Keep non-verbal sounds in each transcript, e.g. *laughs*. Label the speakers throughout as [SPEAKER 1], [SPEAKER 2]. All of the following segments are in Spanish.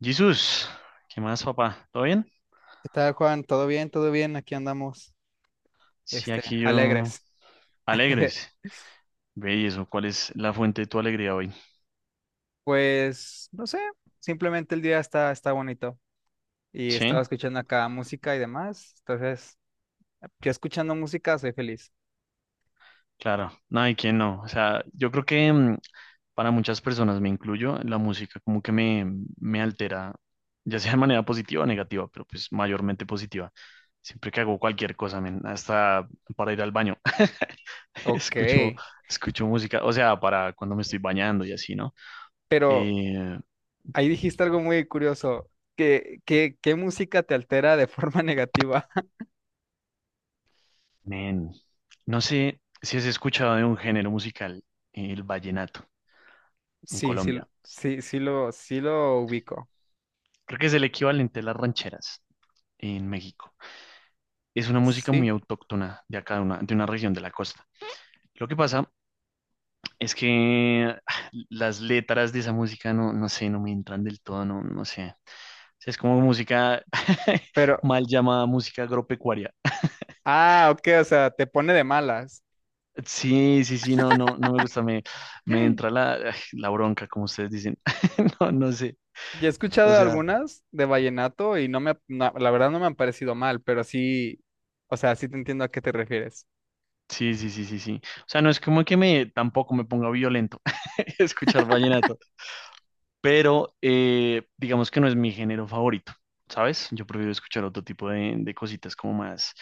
[SPEAKER 1] Jesús, ¿qué más, papá? ¿Todo bien?
[SPEAKER 2] ¿Qué tal, Juan? ¿Todo bien? ¿Todo bien? Aquí andamos,
[SPEAKER 1] Sí,
[SPEAKER 2] este,
[SPEAKER 1] aquí yo.
[SPEAKER 2] alegres. *laughs*
[SPEAKER 1] Alegres. Ve y eso, ¿cuál es la fuente de tu alegría hoy?
[SPEAKER 2] Pues, no sé, simplemente el día está bonito y estaba
[SPEAKER 1] Sí,
[SPEAKER 2] escuchando acá música y demás. Entonces, yo escuchando música soy feliz.
[SPEAKER 1] claro. No, ¿y quién no? O sea, yo creo que para muchas personas, me incluyo, la música como que me altera, ya sea de manera positiva o negativa, pero pues mayormente positiva. Siempre que hago cualquier cosa, men, hasta para ir al baño, *laughs*
[SPEAKER 2] Ok,
[SPEAKER 1] escucho, escucho música, o sea, para cuando me estoy bañando y así, ¿no?
[SPEAKER 2] pero
[SPEAKER 1] Eh,
[SPEAKER 2] ahí dijiste algo muy curioso. ¿Qué música te altera de forma *laughs* negativa? *laughs*
[SPEAKER 1] Men, no sé si has escuchado de un género musical, el vallenato, en
[SPEAKER 2] Sí, sí,
[SPEAKER 1] Colombia.
[SPEAKER 2] sí, sí lo, sí lo ubico.
[SPEAKER 1] Creo que es el equivalente a las rancheras en México. Es una música muy
[SPEAKER 2] Sí,
[SPEAKER 1] autóctona de acá, de una región de la costa. Lo que pasa es que *sighs* las letras de esa música no, no sé, no me entran del todo, no, no sé. O sea, es como música *laughs*
[SPEAKER 2] pero,
[SPEAKER 1] mal llamada música agropecuaria.
[SPEAKER 2] ah, ok, o sea, te pone de malas.
[SPEAKER 1] Sí, sí, sí, no, no, no me gusta, me entra
[SPEAKER 2] *laughs*
[SPEAKER 1] la bronca, como ustedes dicen. *laughs* No, no sé.
[SPEAKER 2] Ya he
[SPEAKER 1] O
[SPEAKER 2] escuchado
[SPEAKER 1] sea.
[SPEAKER 2] algunas de vallenato y no, la verdad no me han parecido mal, pero sí, o sea, sí te entiendo a qué te refieres.
[SPEAKER 1] Sí, sí, sí, sí, sí. O sea, no es como que me tampoco me ponga violento *laughs* escuchar vallenato, pero digamos que no es mi género favorito, ¿sabes? Yo prefiero escuchar otro tipo de cositas como más,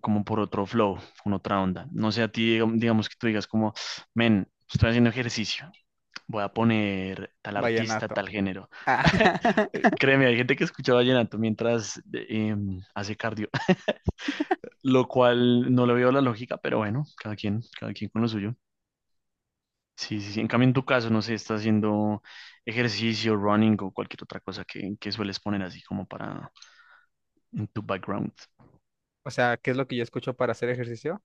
[SPEAKER 1] como por otro flow, con otra onda. No sé, a ti, digamos que tú digas como, men, estoy haciendo ejercicio, voy a poner tal artista,
[SPEAKER 2] Vallenato.
[SPEAKER 1] tal género.
[SPEAKER 2] Ah,
[SPEAKER 1] *laughs*
[SPEAKER 2] *laughs*
[SPEAKER 1] Créeme, hay gente que escucha vallenato mientras hace cardio, *laughs* lo cual no le veo la lógica, pero bueno, cada quien con lo suyo. Sí, sí, sí. En cambio, en tu caso, no sé, estás haciendo ejercicio, running o cualquier otra cosa que sueles poner así como para en tu background.
[SPEAKER 2] O sea, ¿qué es lo que yo escucho para hacer ejercicio?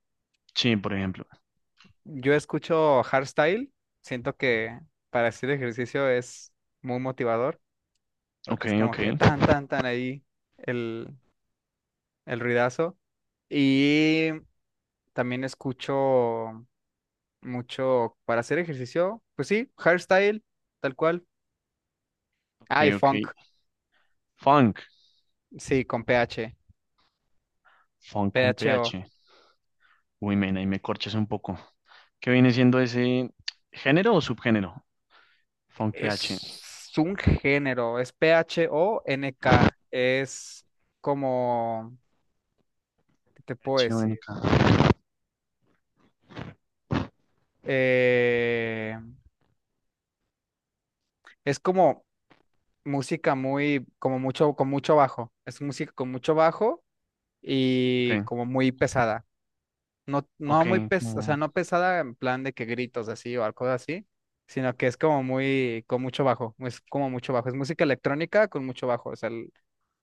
[SPEAKER 1] Sí, por ejemplo.
[SPEAKER 2] Yo escucho hardstyle, siento que para hacer ejercicio es muy motivador,
[SPEAKER 1] Ok,
[SPEAKER 2] porque es como
[SPEAKER 1] ok,
[SPEAKER 2] que tan ahí el, el ruidazo. Y también escucho mucho para hacer ejercicio, pues sí, hardstyle, tal cual.
[SPEAKER 1] ok,
[SPEAKER 2] Ah, y
[SPEAKER 1] ok.
[SPEAKER 2] funk.
[SPEAKER 1] Funk,
[SPEAKER 2] Sí, con PH.
[SPEAKER 1] funk con
[SPEAKER 2] PHO.
[SPEAKER 1] PH. Uy, men, ahí me corchas un poco. ¿Qué viene siendo ese género o subgénero? Funk PH.
[SPEAKER 2] Es un género, es PHONK. Es como, ¿qué te puedo
[SPEAKER 1] PH.
[SPEAKER 2] decir? Eh, es como música con mucho bajo. Es música con mucho bajo
[SPEAKER 1] Ok,
[SPEAKER 2] y como muy pesada. No, no
[SPEAKER 1] ok,
[SPEAKER 2] muy pes, O sea,
[SPEAKER 1] como,
[SPEAKER 2] no pesada en plan de que gritos así o algo así, sino que es como muy, con mucho bajo. Es como mucho bajo. Es música electrónica con mucho bajo. O sea, El,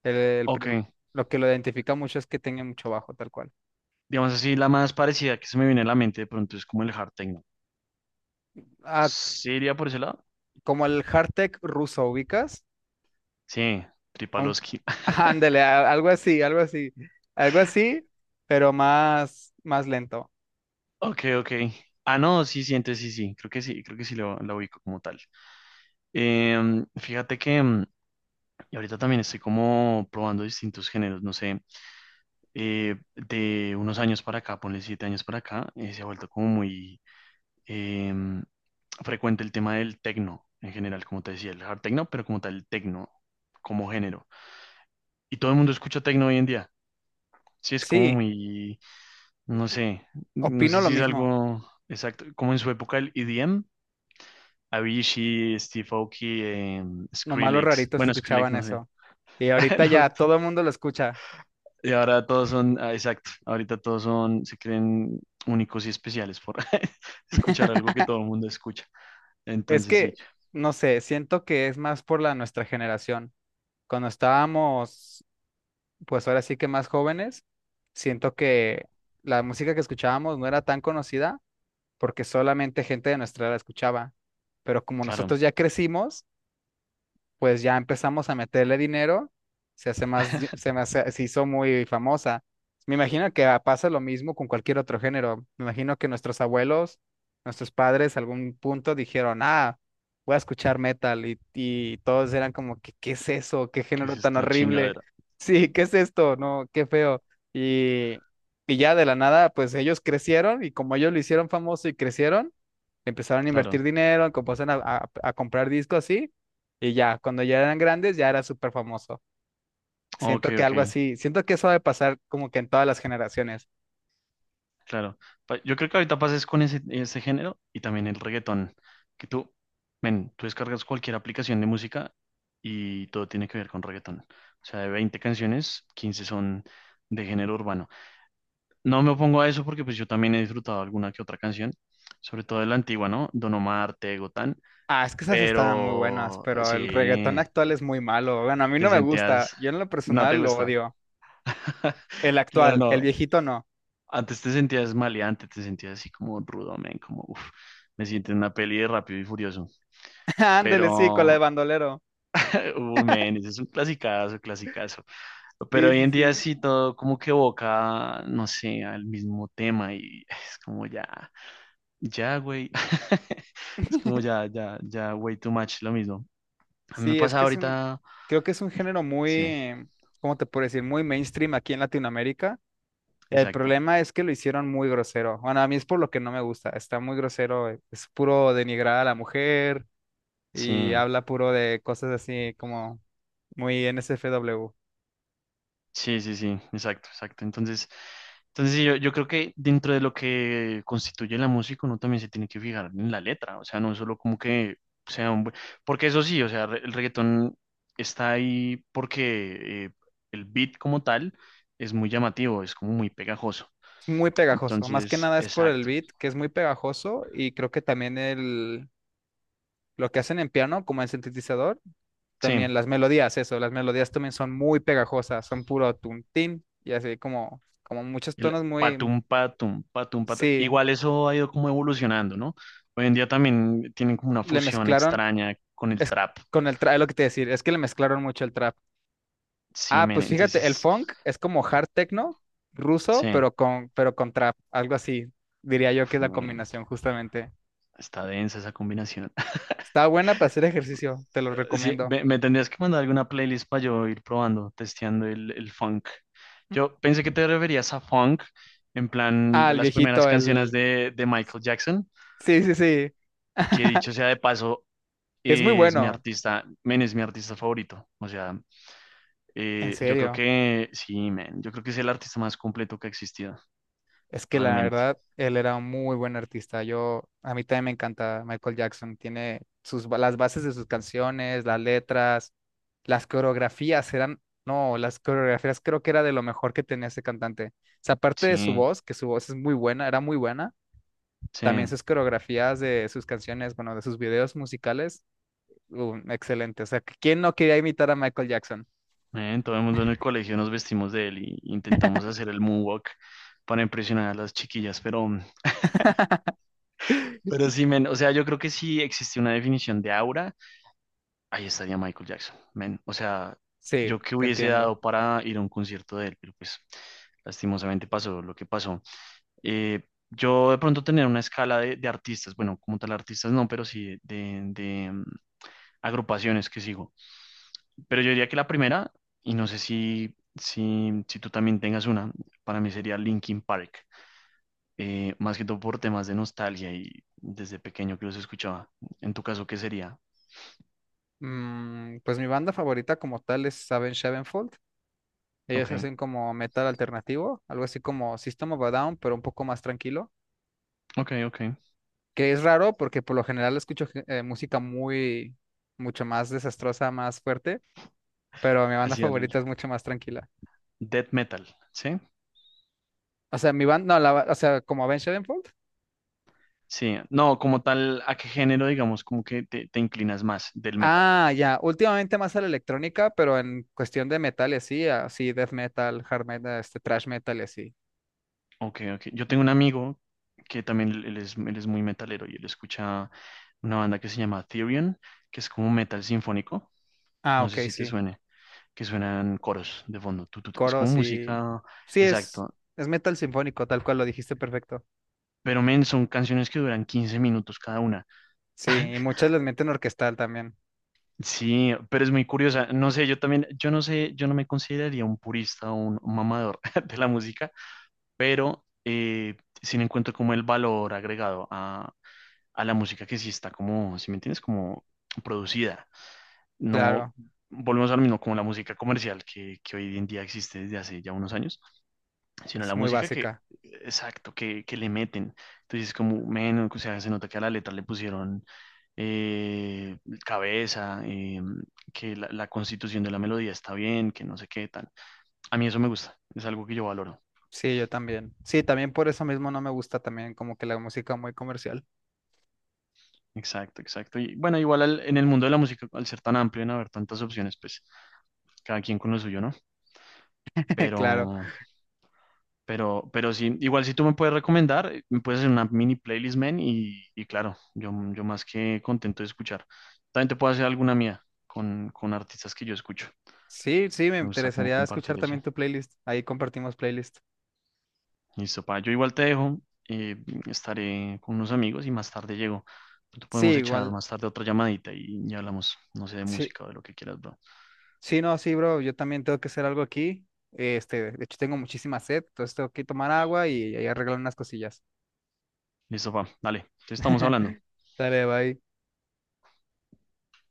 [SPEAKER 2] el prim-
[SPEAKER 1] ok.
[SPEAKER 2] lo que lo identifica mucho es que tenga mucho bajo, tal cual.
[SPEAKER 1] Digamos así, la más parecida que se me viene a la mente de pronto es como el hard techno.
[SPEAKER 2] Ah,
[SPEAKER 1] ¿Sí iría por ese lado?
[SPEAKER 2] como el Hardtech ruso, ¿ubicas?
[SPEAKER 1] Sí,
[SPEAKER 2] Un-
[SPEAKER 1] Tripalowski.
[SPEAKER 2] *laughs* ándale,
[SPEAKER 1] *laughs*
[SPEAKER 2] algo así, algo así. Algo así, pero más lento.
[SPEAKER 1] Ok, ok. Ah, no, sí, sí, entonces sí, sí. Creo que sí, creo que sí la ubico como tal. Fíjate que y ahorita también estoy como probando distintos géneros, no sé, de unos años para acá, ponle siete años para acá, se ha vuelto como muy em, frecuente el tema del techno en general, como te decía, el hard techno, pero como tal el techno como género. Y todo el mundo escucha techno hoy en día. Sí, es como
[SPEAKER 2] Sí,
[SPEAKER 1] muy. No sé, no sé
[SPEAKER 2] opino lo
[SPEAKER 1] si es
[SPEAKER 2] mismo.
[SPEAKER 1] algo exacto, como en su época el EDM, Avicii, Steve Aoki,
[SPEAKER 2] Nomás los
[SPEAKER 1] Skrillex,
[SPEAKER 2] raritos
[SPEAKER 1] bueno, Skrillex
[SPEAKER 2] escuchaban
[SPEAKER 1] no sé.
[SPEAKER 2] eso. Y
[SPEAKER 1] *laughs*
[SPEAKER 2] ahorita ya
[SPEAKER 1] Los-
[SPEAKER 2] todo el mundo lo escucha.
[SPEAKER 1] y ahora todos son, ah, exacto, ahorita todos son, se creen únicos y especiales por *laughs* escuchar algo que todo el mundo escucha,
[SPEAKER 2] Es
[SPEAKER 1] entonces sí,
[SPEAKER 2] que, no sé, siento que es más por la nuestra generación. Cuando estábamos, pues ahora sí que más jóvenes, siento que la música que escuchábamos no era tan conocida porque solamente gente de nuestra edad la escuchaba. Pero como
[SPEAKER 1] claro,
[SPEAKER 2] nosotros ya crecimos, pues ya empezamos a meterle dinero, se hace más,
[SPEAKER 1] *laughs*
[SPEAKER 2] se hizo muy famosa. Me imagino que ah, pasa lo mismo con cualquier otro género. Me imagino que nuestros abuelos, nuestros padres, algún punto dijeron, ah, voy a escuchar metal y todos eran como que, ¿qué es eso? ¿Qué
[SPEAKER 1] que es
[SPEAKER 2] género tan
[SPEAKER 1] esta
[SPEAKER 2] horrible? *laughs*
[SPEAKER 1] chingadera,
[SPEAKER 2] Sí, ¿qué es esto? No, qué feo. Y, y ya de la nada, pues ellos crecieron y como ellos lo hicieron famoso y crecieron, empezaron a
[SPEAKER 1] claro,
[SPEAKER 2] invertir dinero, a comprar discos así, y ya, cuando ya eran grandes, ya era súper famoso.
[SPEAKER 1] ok,
[SPEAKER 2] Siento que
[SPEAKER 1] ok,
[SPEAKER 2] algo así, siento que eso debe pasar como que en todas las generaciones.
[SPEAKER 1] claro. Yo creo que ahorita pases con ese género y también el reggaetón, que tú, men, tú descargas cualquier aplicación de música y todo tiene que ver con reggaetón. O sea, de 20 canciones, 15 son de género urbano. No me opongo a eso porque pues yo también he disfrutado alguna que otra canción, sobre todo de la antigua, ¿no? Don Omar, Tego, Tan,
[SPEAKER 2] Ah, es que esas estaban muy buenas,
[SPEAKER 1] pero
[SPEAKER 2] pero el reggaetón
[SPEAKER 1] sí,
[SPEAKER 2] actual es muy malo. Bueno, a mí
[SPEAKER 1] te
[SPEAKER 2] no me gusta,
[SPEAKER 1] sentías,
[SPEAKER 2] yo en lo
[SPEAKER 1] no te
[SPEAKER 2] personal lo
[SPEAKER 1] gustaba.
[SPEAKER 2] odio.
[SPEAKER 1] *laughs*
[SPEAKER 2] El
[SPEAKER 1] Claro,
[SPEAKER 2] actual,
[SPEAKER 1] no.
[SPEAKER 2] el viejito no.
[SPEAKER 1] Antes te sentías maleante, te sentías así como rudo, men, como, uff, me siento en una peli de Rápido y Furioso.
[SPEAKER 2] *laughs* Ándele, sí, con la de
[SPEAKER 1] Pero,
[SPEAKER 2] bandolero.
[SPEAKER 1] *laughs* men, ese es un clasicazo, clasicazo. Pero
[SPEAKER 2] Sí,
[SPEAKER 1] hoy
[SPEAKER 2] sí,
[SPEAKER 1] en día
[SPEAKER 2] sí.
[SPEAKER 1] sí todo como que evoca, no sé, al mismo tema y es como ya, ya, güey. *laughs* Es como ya, ya, ya, way too much, lo mismo. A mí me
[SPEAKER 2] Sí, es
[SPEAKER 1] pasa
[SPEAKER 2] que es un,
[SPEAKER 1] ahorita,
[SPEAKER 2] creo que es un género
[SPEAKER 1] sí,
[SPEAKER 2] muy, ¿cómo te puedo decir? Muy mainstream aquí en Latinoamérica. El
[SPEAKER 1] exacto.
[SPEAKER 2] problema es que lo hicieron muy grosero. Bueno, a mí es por lo que no me gusta. Está muy grosero. Es puro denigrar a la mujer
[SPEAKER 1] Sí,
[SPEAKER 2] y habla puro de cosas así como muy NSFW.
[SPEAKER 1] sí, sí, sí, exacto, exacto. Entonces, sí, yo creo que dentro de lo que constituye la música, uno también se tiene que fijar en la letra, o sea, no solo como que sea un. Porque eso sí, o sea, el reggaetón está ahí porque el beat como tal es muy llamativo, es como muy pegajoso.
[SPEAKER 2] Es muy pegajoso. Más que
[SPEAKER 1] Entonces,
[SPEAKER 2] nada es por el
[SPEAKER 1] exacto,
[SPEAKER 2] beat, que es muy pegajoso y creo que también lo que hacen en piano, como en sintetizador,
[SPEAKER 1] sí,
[SPEAKER 2] también las melodías, eso, las melodías también son muy pegajosas. Son puro tuntín y así como, como muchos
[SPEAKER 1] el
[SPEAKER 2] tonos muy...
[SPEAKER 1] patum, patum, patum, patum.
[SPEAKER 2] Sí,
[SPEAKER 1] Igual eso ha ido como evolucionando, ¿no? Hoy en día también tienen como una
[SPEAKER 2] le
[SPEAKER 1] fusión
[SPEAKER 2] mezclaron.
[SPEAKER 1] extraña con el
[SPEAKER 2] Es
[SPEAKER 1] trap.
[SPEAKER 2] con el trap, es lo que te iba a decir, es que le mezclaron mucho el trap.
[SPEAKER 1] Sí,
[SPEAKER 2] Ah,
[SPEAKER 1] men,
[SPEAKER 2] pues fíjate, el
[SPEAKER 1] entonces,
[SPEAKER 2] funk es como hard techno ruso,
[SPEAKER 1] sí,
[SPEAKER 2] pero con trap, algo así. Diría yo que
[SPEAKER 1] uf,
[SPEAKER 2] es la combinación, justamente.
[SPEAKER 1] está densa esa combinación. *laughs*
[SPEAKER 2] Está buena para hacer ejercicio, te lo
[SPEAKER 1] Sí,
[SPEAKER 2] recomiendo.
[SPEAKER 1] me tendrías que mandar alguna playlist para yo ir probando, testeando el funk. Yo pensé que te referías a funk, en plan
[SPEAKER 2] Ah, el
[SPEAKER 1] las primeras
[SPEAKER 2] viejito,
[SPEAKER 1] canciones
[SPEAKER 2] el...
[SPEAKER 1] de Michael Jackson,
[SPEAKER 2] Sí, sí, sí.
[SPEAKER 1] que
[SPEAKER 2] *laughs*
[SPEAKER 1] dicho sea de paso,
[SPEAKER 2] Es muy
[SPEAKER 1] es mi
[SPEAKER 2] bueno,
[SPEAKER 1] artista, men, es mi artista favorito. O sea,
[SPEAKER 2] en
[SPEAKER 1] yo creo
[SPEAKER 2] serio.
[SPEAKER 1] que, sí, men, yo creo que es el artista más completo que ha existido,
[SPEAKER 2] Es que la
[SPEAKER 1] realmente.
[SPEAKER 2] verdad, él era un muy buen artista. Yo, a mí también me encanta Michael Jackson. Tiene sus, las bases de sus canciones, las letras, las coreografías eran, no, las coreografías creo que era de lo mejor que tenía ese cantante. O sea, aparte de su
[SPEAKER 1] Sí,
[SPEAKER 2] voz, que su voz es muy buena, era muy buena, también
[SPEAKER 1] sí.
[SPEAKER 2] sus coreografías de sus canciones, bueno, de sus videos musicales, excelente. O sea, ¿quién no quería imitar a Michael Jackson?
[SPEAKER 1] Todo el mundo en el colegio nos vestimos de él y intentamos hacer el moonwalk para impresionar a las chiquillas, pero, mm,
[SPEAKER 2] *laughs*
[SPEAKER 1] pero sí, men, o sea, yo creo que si existe una definición de aura, ahí estaría Michael Jackson, men, o sea,
[SPEAKER 2] Sí,
[SPEAKER 1] yo que
[SPEAKER 2] te
[SPEAKER 1] hubiese
[SPEAKER 2] entiendo.
[SPEAKER 1] dado para ir a un concierto de él, pero pues lastimosamente pasó lo que pasó. Eh, yo de pronto tener una escala de artistas, bueno, como tal artistas no, pero sí de agrupaciones que sigo. Pero yo diría que la primera, y no sé si, si tú también tengas una, para mí sería Linkin Park. Más que todo por temas de nostalgia y desde pequeño que los escuchaba. En tu caso, ¿qué sería?
[SPEAKER 2] Pues mi banda favorita como tal es Avenged Sevenfold. Ellos
[SPEAKER 1] Ok,
[SPEAKER 2] hacen como metal alternativo, algo así como System of a Down, pero un poco más tranquilo,
[SPEAKER 1] ok, ok.
[SPEAKER 2] que es raro porque por lo general escucho música muy, mucho más desastrosa, más fuerte, pero mi banda
[SPEAKER 1] Hacia el
[SPEAKER 2] favorita es mucho más tranquila.
[SPEAKER 1] death metal, ¿sí?
[SPEAKER 2] O sea, mi banda, no, la, ba- o sea, como Avenged Sevenfold.
[SPEAKER 1] Sí, no, como tal, ¿a qué género, digamos, como que te inclinas más del metal?
[SPEAKER 2] Ah, ya, últimamente más a la electrónica, pero en cuestión de metal y así, así death metal, hard metal, este, thrash metal y así.
[SPEAKER 1] Ok, ok. Yo tengo un amigo que también él es muy metalero y él escucha una banda que se llama Therion, que es como metal sinfónico.
[SPEAKER 2] Ah,
[SPEAKER 1] No
[SPEAKER 2] ok,
[SPEAKER 1] sé si te
[SPEAKER 2] sí,
[SPEAKER 1] suene. Que suenan coros de fondo. Tu, tu, tu. Es como
[SPEAKER 2] coros y...
[SPEAKER 1] música,
[SPEAKER 2] Sí,
[SPEAKER 1] exacto.
[SPEAKER 2] es metal sinfónico, tal cual lo dijiste perfecto.
[SPEAKER 1] Pero men, son canciones que duran 15 minutos cada una.
[SPEAKER 2] Sí, y muchas les meten orquestal también.
[SPEAKER 1] Sí, pero es muy curiosa. No sé, yo también, yo no sé, yo no me consideraría un purista o un mamador *laughs* de la música, pero sí le encuentro como el valor agregado a, la música que sí está como, si me entiendes, como producida. No,
[SPEAKER 2] Claro,
[SPEAKER 1] volvemos al mismo, como la música comercial que hoy en día existe desde hace ya unos años sino
[SPEAKER 2] es
[SPEAKER 1] la
[SPEAKER 2] muy
[SPEAKER 1] música que,
[SPEAKER 2] básica.
[SPEAKER 1] exacto, que le meten. Entonces, como, menos, o sea, se nota que a la letra le pusieron eh, cabeza, que la constitución de la melodía está bien, que no sé qué tan. A mí eso me gusta, es algo que yo valoro.
[SPEAKER 2] Sí, yo también. Sí, también por eso mismo no me gusta también como que la música muy comercial.
[SPEAKER 1] Exacto, exacto. Y bueno, igual en el mundo de la música, al ser tan amplio, en haber tantas opciones, pues cada quien con lo suyo, ¿no?
[SPEAKER 2] *laughs* Claro.
[SPEAKER 1] Pero, pero sí, igual si tú me puedes recomendar, me puedes hacer una mini playlist, man, y claro, yo más que contento de escuchar. También te puedo hacer alguna mía con, artistas que yo escucho.
[SPEAKER 2] Sí, sí, me
[SPEAKER 1] Me gusta como
[SPEAKER 2] interesaría escuchar
[SPEAKER 1] compartir
[SPEAKER 2] también
[SPEAKER 1] eso.
[SPEAKER 2] tu playlist. Ahí compartimos playlist.
[SPEAKER 1] Listo, pa, yo igual te dejo, eh, estaré con unos amigos y más tarde llego. Tú
[SPEAKER 2] Sí,
[SPEAKER 1] podemos echar
[SPEAKER 2] igual.
[SPEAKER 1] más tarde otra llamadita y ya hablamos, no sé, de
[SPEAKER 2] Sí,
[SPEAKER 1] música o de lo que quieras, bro.
[SPEAKER 2] sí, no, sí, bro. Yo también tengo que hacer algo aquí. Este, de hecho tengo muchísima sed, entonces tengo que tomar agua y arreglar unas cosillas.
[SPEAKER 1] Listo, pa, dale, te estamos hablando.
[SPEAKER 2] *laughs* Dale, bye.